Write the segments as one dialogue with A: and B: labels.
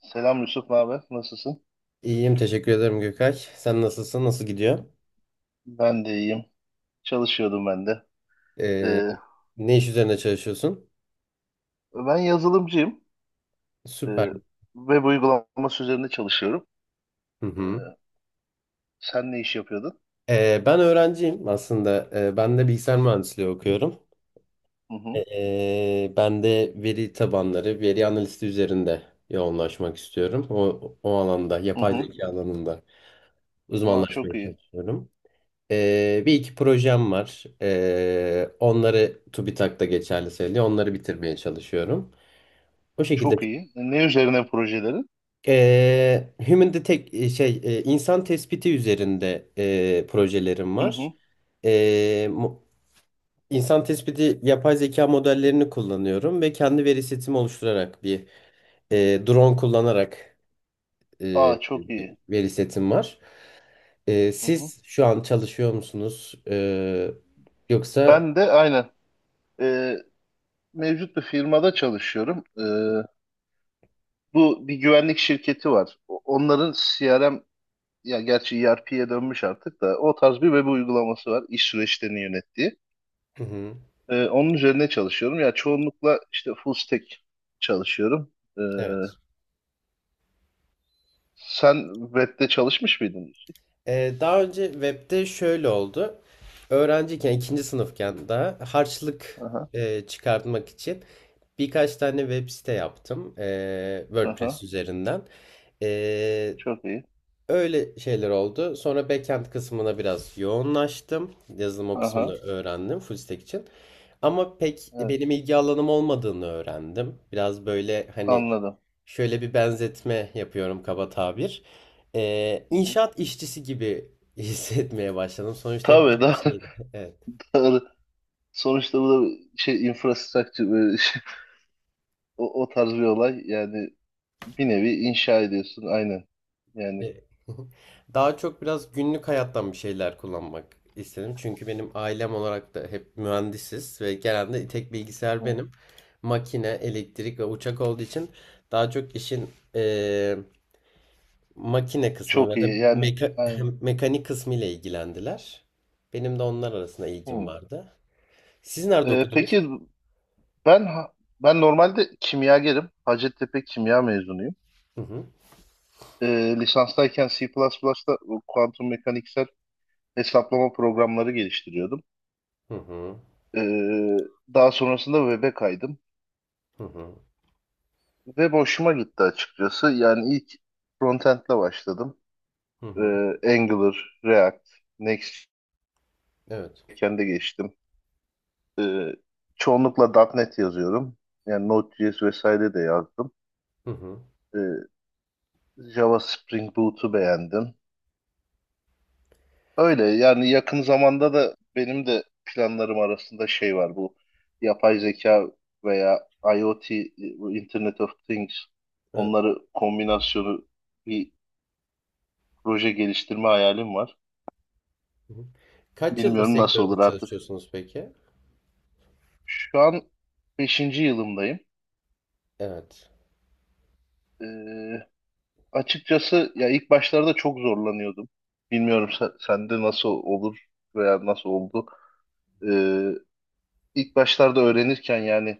A: Selam Yusuf abi, nasılsın?
B: İyiyim, teşekkür ederim Gökay. Sen nasılsın? Nasıl gidiyor?
A: Ben de iyiyim. Çalışıyordum ben de.
B: Ee,
A: Ee,
B: ne iş üzerine çalışıyorsun?
A: Ben yazılımcıyım.
B: Süper.
A: Ee, Web uygulaması üzerinde çalışıyorum.
B: Hı
A: Ee,
B: hı.
A: Sen ne iş yapıyordun?
B: Ben öğrenciyim aslında. Ben de bilgisayar mühendisliği okuyorum.
A: Hı hı.
B: Ben de veri tabanları, veri analisti üzerinde yoğunlaşmak istiyorum. O alanda,
A: Hı
B: yapay
A: hı.
B: zeka alanında
A: Aa, çok
B: uzmanlaşmaya
A: iyi.
B: çalışıyorum. Bir iki projem var. Onları TÜBİTAK'ta geçerli sayılıyor. Onları bitirmeye çalışıyorum. O şekilde.
A: Çok iyi, ne üzerine projelerin?
B: Human Detect insan tespiti üzerinde projelerim
A: Hı
B: var.
A: hı.
B: Mo- insan tespiti yapay zeka modellerini kullanıyorum ve kendi veri setimi oluşturarak bir drone kullanarak
A: Aa, çok
B: bir
A: iyi.
B: veri setim var. E,
A: Hı hı.
B: siz şu an çalışıyor musunuz? Yoksa.
A: Ben de aynen. Ee, Mevcut bir firmada çalışıyorum. Bu bir güvenlik şirketi var. Onların CRM, ya gerçi ERP'ye dönmüş artık, da o tarz bir web uygulaması var iş süreçlerini yönettiği.
B: Hı hı,
A: Onun üzerine çalışıyorum. Ya çoğunlukla işte full stack çalışıyorum. Ee,
B: evet.
A: Sen web'de çalışmış mıydın?
B: Daha önce webde şöyle oldu. Öğrenciyken, ikinci sınıfken daha harçlık
A: Aha,
B: çıkartmak için birkaç tane web site yaptım. WordPress
A: aha,
B: üzerinden. E,
A: çok iyi.
B: Öyle şeyler oldu. Sonra backend kısmına biraz yoğunlaştım. Yazılım o kısmını
A: Aha,
B: öğrendim full stack için. Ama pek
A: evet,
B: benim ilgi alanım olmadığını öğrendim. Biraz böyle hani
A: anladım.
B: şöyle bir benzetme yapıyorum, kaba tabir.
A: Hı hı.
B: İnşaat işçisi gibi hissetmeye başladım. Sonuçta hep
A: Tabii
B: aynı
A: da
B: şeydi. Evet.
A: doğru. Sonuçta bu da bir şey, infrastructure, böyle şey, o, o tarz bir olay. Yani bir nevi inşa ediyorsun, aynen. Yani
B: E, Daha çok biraz günlük hayattan bir şeyler kullanmak istedim. Çünkü benim ailem olarak da hep mühendisiz ve genelde tek bilgisayar
A: hı,
B: benim. Makine, elektrik ve uçak olduğu için daha çok işin e, makine kısmı
A: çok
B: ve de
A: iyi, yani aynen.
B: hem mekanik kısmı ile ilgilendiler. Benim de onlar arasında
A: Hı.
B: ilgim vardı. Siz nerede okudunuz?
A: Peki ben ben normalde kimyagerim. Hacettepe kimya mezunuyum.
B: Hı hı.
A: E, lisanstayken C++'da bu kuantum mekaniksel hesaplama programları geliştiriyordum.
B: Hı hı.
A: E, Daha sonrasında web'e kaydım.
B: Hı hı.
A: Web hoşuma gitti açıkçası. Yani ilk frontend'le başladım.
B: Hı
A: E,
B: hı.
A: Angular, React, Next.js
B: Evet.
A: geçtim. Çoğunlukla .nokta .NET yazıyorum. Yani Node.js vesaire de yazdım.
B: Hı hı.
A: E, Java Spring Boot'u beğendim. Öyle yani, yakın zamanda da benim de planlarım arasında şey var, bu yapay zeka veya IoT, bu Internet of Things,
B: Evet.
A: onları kombinasyonu bir proje geliştirme hayalim var.
B: Hı hı. Kaç yıldır
A: Bilmiyorum nasıl olur
B: sektörde
A: artık.
B: çalışıyorsunuz peki?
A: Şu an beşinci yılımdayım.
B: Evet.
A: Ee, Açıkçası ya ilk başlarda çok zorlanıyordum. Bilmiyorum sen, sende nasıl olur veya nasıl oldu. Ee, ilk başlarda öğrenirken, yani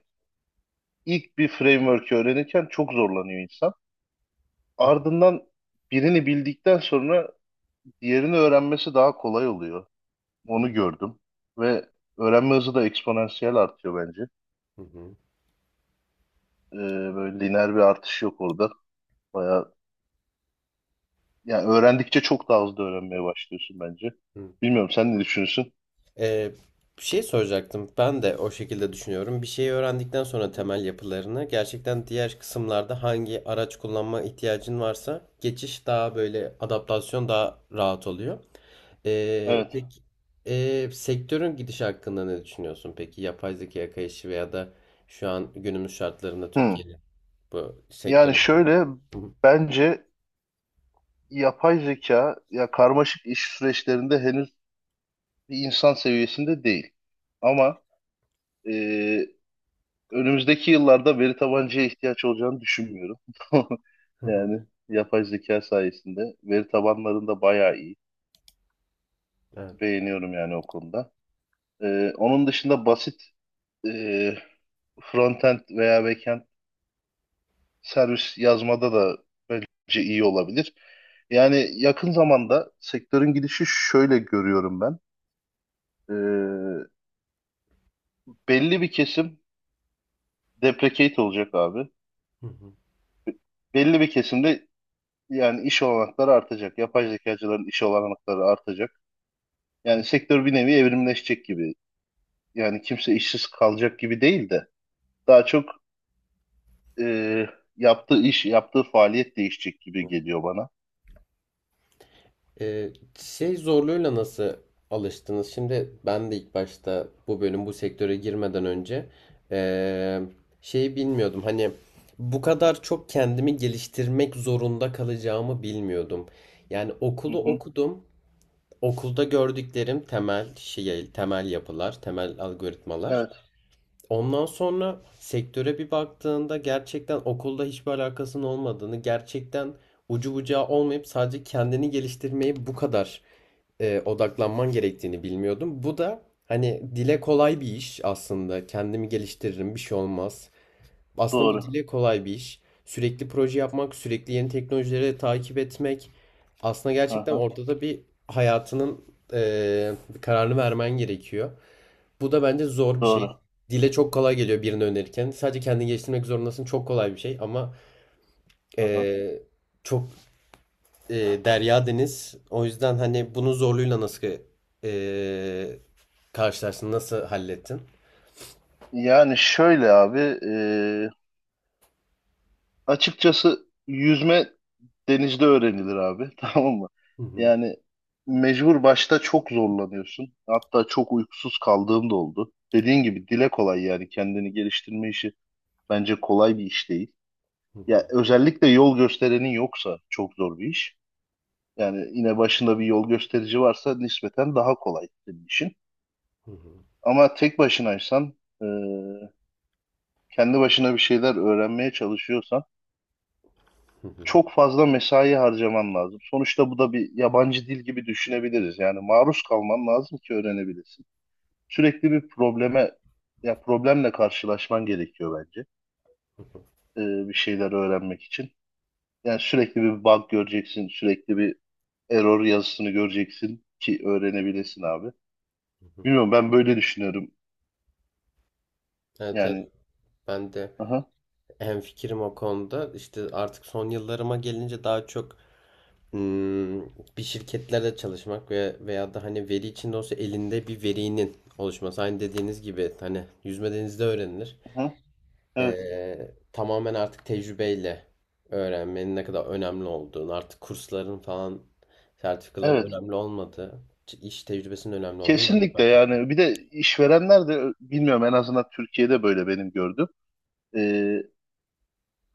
A: ilk bir framework'ü öğrenirken çok zorlanıyor insan. Ardından birini bildikten sonra diğerini öğrenmesi daha kolay oluyor.
B: Hı
A: Onu gördüm ve öğrenme hızı da eksponansiyel artıyor bence.
B: hı.
A: Ee, Böyle lineer bir artış yok orada. Bayağı, yani öğrendikçe çok daha hızlı öğrenmeye başlıyorsun bence.
B: Hı.
A: Bilmiyorum sen ne düşünüyorsun?
B: Ee, bir şey soracaktım. Ben de o şekilde düşünüyorum. Bir şeyi öğrendikten sonra
A: Hı hı.
B: temel yapılarını gerçekten diğer kısımlarda hangi araç kullanma ihtiyacın varsa geçiş daha böyle, adaptasyon daha rahat oluyor. Ee,
A: Evet.
B: peki ee, sektörün gidişi hakkında ne düşünüyorsun peki? Yapay zekaya kayışı veya da şu an günümüz şartlarında
A: Hmm.
B: Türkiye'de bu sektör
A: Yani
B: olarak.
A: şöyle,
B: Hı hı.
A: bence yapay zeka ya karmaşık iş süreçlerinde henüz bir insan seviyesinde değil. Ama e, önümüzdeki yıllarda veri tabancıya ihtiyaç olacağını düşünmüyorum.
B: Hı hı.
A: Yani yapay zeka sayesinde veri tabanlarında bayağı iyi.
B: Evet.
A: Beğeniyorum yani o konuda. Onun dışında basit e, frontend veya backend servis yazmada da bence iyi olabilir. Yani yakın zamanda sektörün gidişi şöyle görüyorum ben. Ee, Belli bir kesim deprecate olacak abi.
B: Hı hı.
A: Belli bir kesim de, yani iş olanakları artacak. Yapay zekacıların iş olanakları artacak. Yani
B: Hı.
A: sektör bir nevi evrimleşecek gibi. Yani kimse işsiz kalacak gibi değil de, daha çok e, yaptığı iş, yaptığı faaliyet değişecek gibi geliyor bana.
B: Ee, şey zorluğuyla nasıl alıştınız? Şimdi ben de ilk başta bu bölüm, bu sektöre girmeden önce ee, şeyi bilmiyordum. Hani bu kadar çok kendimi geliştirmek zorunda kalacağımı bilmiyordum. Yani
A: Hı
B: okulu
A: hı.
B: okudum. Okulda gördüklerim temel şey, temel yapılar, temel algoritmalar.
A: Evet,
B: Ondan sonra sektöre bir baktığında gerçekten okulda hiçbir alakasının olmadığını, gerçekten ucu bucağı olmayıp sadece kendini geliştirmeye bu kadar odaklanman gerektiğini bilmiyordum. Bu da hani dile kolay bir iş aslında. Kendimi geliştiririm, bir şey olmaz. Aslında bu
A: doğru.
B: dile kolay bir iş. Sürekli proje yapmak, sürekli yeni teknolojileri takip etmek. Aslında gerçekten
A: Aha,
B: ortada bir hayatının bir kararını vermen gerekiyor. Bu da bence zor bir şey.
A: doğru.
B: Dile çok kolay geliyor birini önerirken. Sadece kendini geliştirmek zorundasın. Çok kolay bir şey ama
A: Aha.
B: eee, çok derya deniz. O yüzden hani bunun zorluğuyla nasıl eee karşılaştın? Nasıl hallettin?
A: Yani şöyle abi, e, açıkçası yüzme denizde öğrenilir abi, tamam mı?
B: Hı hı,
A: Yani mecbur başta çok zorlanıyorsun. Hatta çok uykusuz kaldığım da oldu. Dediğin gibi dile kolay, yani kendini geliştirme işi bence kolay bir iş değil.
B: hı hı,
A: Ya özellikle yol gösterenin yoksa çok zor bir iş. Yani yine başında bir yol gösterici varsa nispeten daha kolay senin işin.
B: hı hı,
A: Ama tek başınaysan, e, kendi başına bir şeyler öğrenmeye çalışıyorsan
B: hı hı,
A: çok fazla mesai harcaman lazım. Sonuçta bu da bir yabancı dil gibi düşünebiliriz. Yani maruz kalman lazım ki öğrenebilesin. Sürekli bir probleme, ya problemle karşılaşman gerekiyor bence. Bir şeyler öğrenmek için. Yani sürekli bir bug göreceksin, sürekli bir error yazısını göreceksin ki öğrenebilesin abi.
B: hı hı.
A: Bilmiyorum, ben böyle düşünüyorum.
B: Evet, evet.
A: Yani
B: Ben de
A: aha,
B: hemfikirim o konuda. İşte artık son yıllarıma gelince daha çok Hmm, bir şirketlerde çalışmak veya da hani veri içinde olsa elinde bir verinin oluşması. Aynı dediğiniz gibi hani yüzme denizde öğrenilir.
A: aha, evet.
B: Tamamen artık tecrübeyle öğrenmenin ne kadar önemli olduğunu, artık kursların falan sertifikaların
A: Evet.
B: önemli olmadığı, iş tecrübesinin önemli olduğunu ben de
A: Kesinlikle
B: fark ettim.
A: yani. Bir de işverenler de bilmiyorum, en azından Türkiye'de böyle benim gördüğüm. E,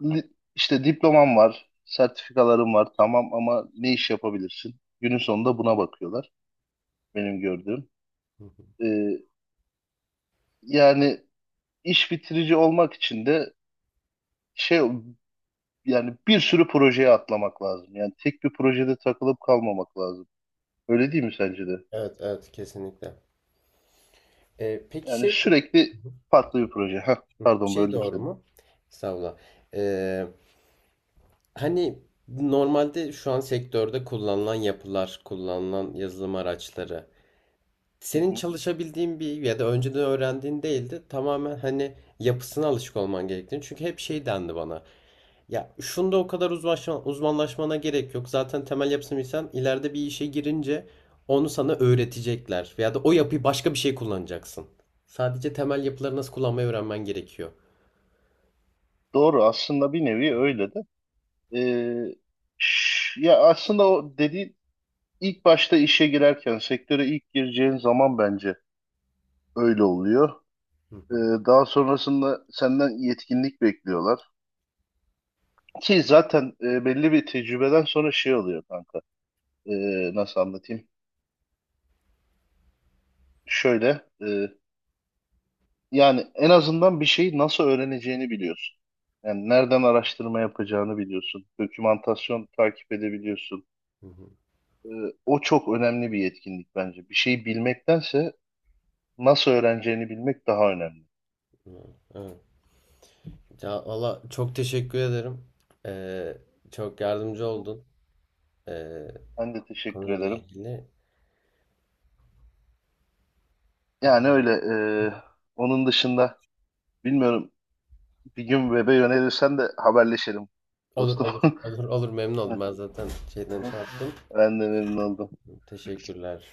A: işte diploman var, sertifikaların var, tamam, ama ne iş yapabilirsin? Günün sonunda buna bakıyorlar, benim gördüğüm.
B: Hı hı.
A: Ee, Yani iş bitirici olmak için de şey, yani bir sürü projeye atlamak lazım. Yani tek bir projede takılıp kalmamak lazım. Öyle değil mi sence de?
B: Evet, evet, kesinlikle. Peki,
A: Yani sürekli farklı bir proje. Heh, pardon
B: şey
A: böldüm
B: doğru
A: seni.
B: mu? Estağfurullah. Ee, Hani normalde şu an sektörde kullanılan yapılar, kullanılan yazılım araçları
A: Hı
B: senin
A: hı.
B: çalışabildiğin bir ya da önceden öğrendiğin değildi. Tamamen hani yapısına alışık olman gerektiğini. Çünkü hep şey dendi bana. Ya şunda o kadar uzmanlaşmana gerek yok. Zaten temel yapısını bilsen ileride bir işe girince onu sana öğretecekler. Veya da o yapıyı başka bir şey kullanacaksın. Sadece temel yapıları nasıl kullanmayı öğrenmen gerekiyor.
A: Doğru, aslında bir nevi öyle de. Ee, Ya aslında o dediğin, İlk başta işe girerken, sektöre ilk gireceğin zaman bence öyle oluyor.
B: Hı
A: Ee,
B: hı,
A: Daha sonrasında senden yetkinlik bekliyorlar. Ki zaten e, belli bir tecrübeden sonra şey oluyor kanka. Nasıl anlatayım? Şöyle, e, yani en azından bir şeyi nasıl öğreneceğini biliyorsun. Yani nereden araştırma yapacağını biliyorsun. Dokümantasyon takip edebiliyorsun.
B: hı hı.
A: Ee, O çok önemli bir yetkinlik bence. Bir şeyi bilmektense nasıl öğreneceğini bilmek daha önemli.
B: Hı. Evet. Ya valla çok teşekkür ederim. Ee, çok
A: Hı
B: yardımcı
A: hı.
B: oldun ee,
A: Ben de teşekkür
B: konuyla
A: ederim.
B: ilgili.
A: Yani öyle. e, Onun dışında bilmiyorum, bir gün web'e yönelirsen de haberleşelim
B: Olur
A: dostum.
B: olur olur olur, memnun oldum. Ben zaten şeyden şey yaptım.
A: Ben de memnun oldum.
B: Teşekkürler.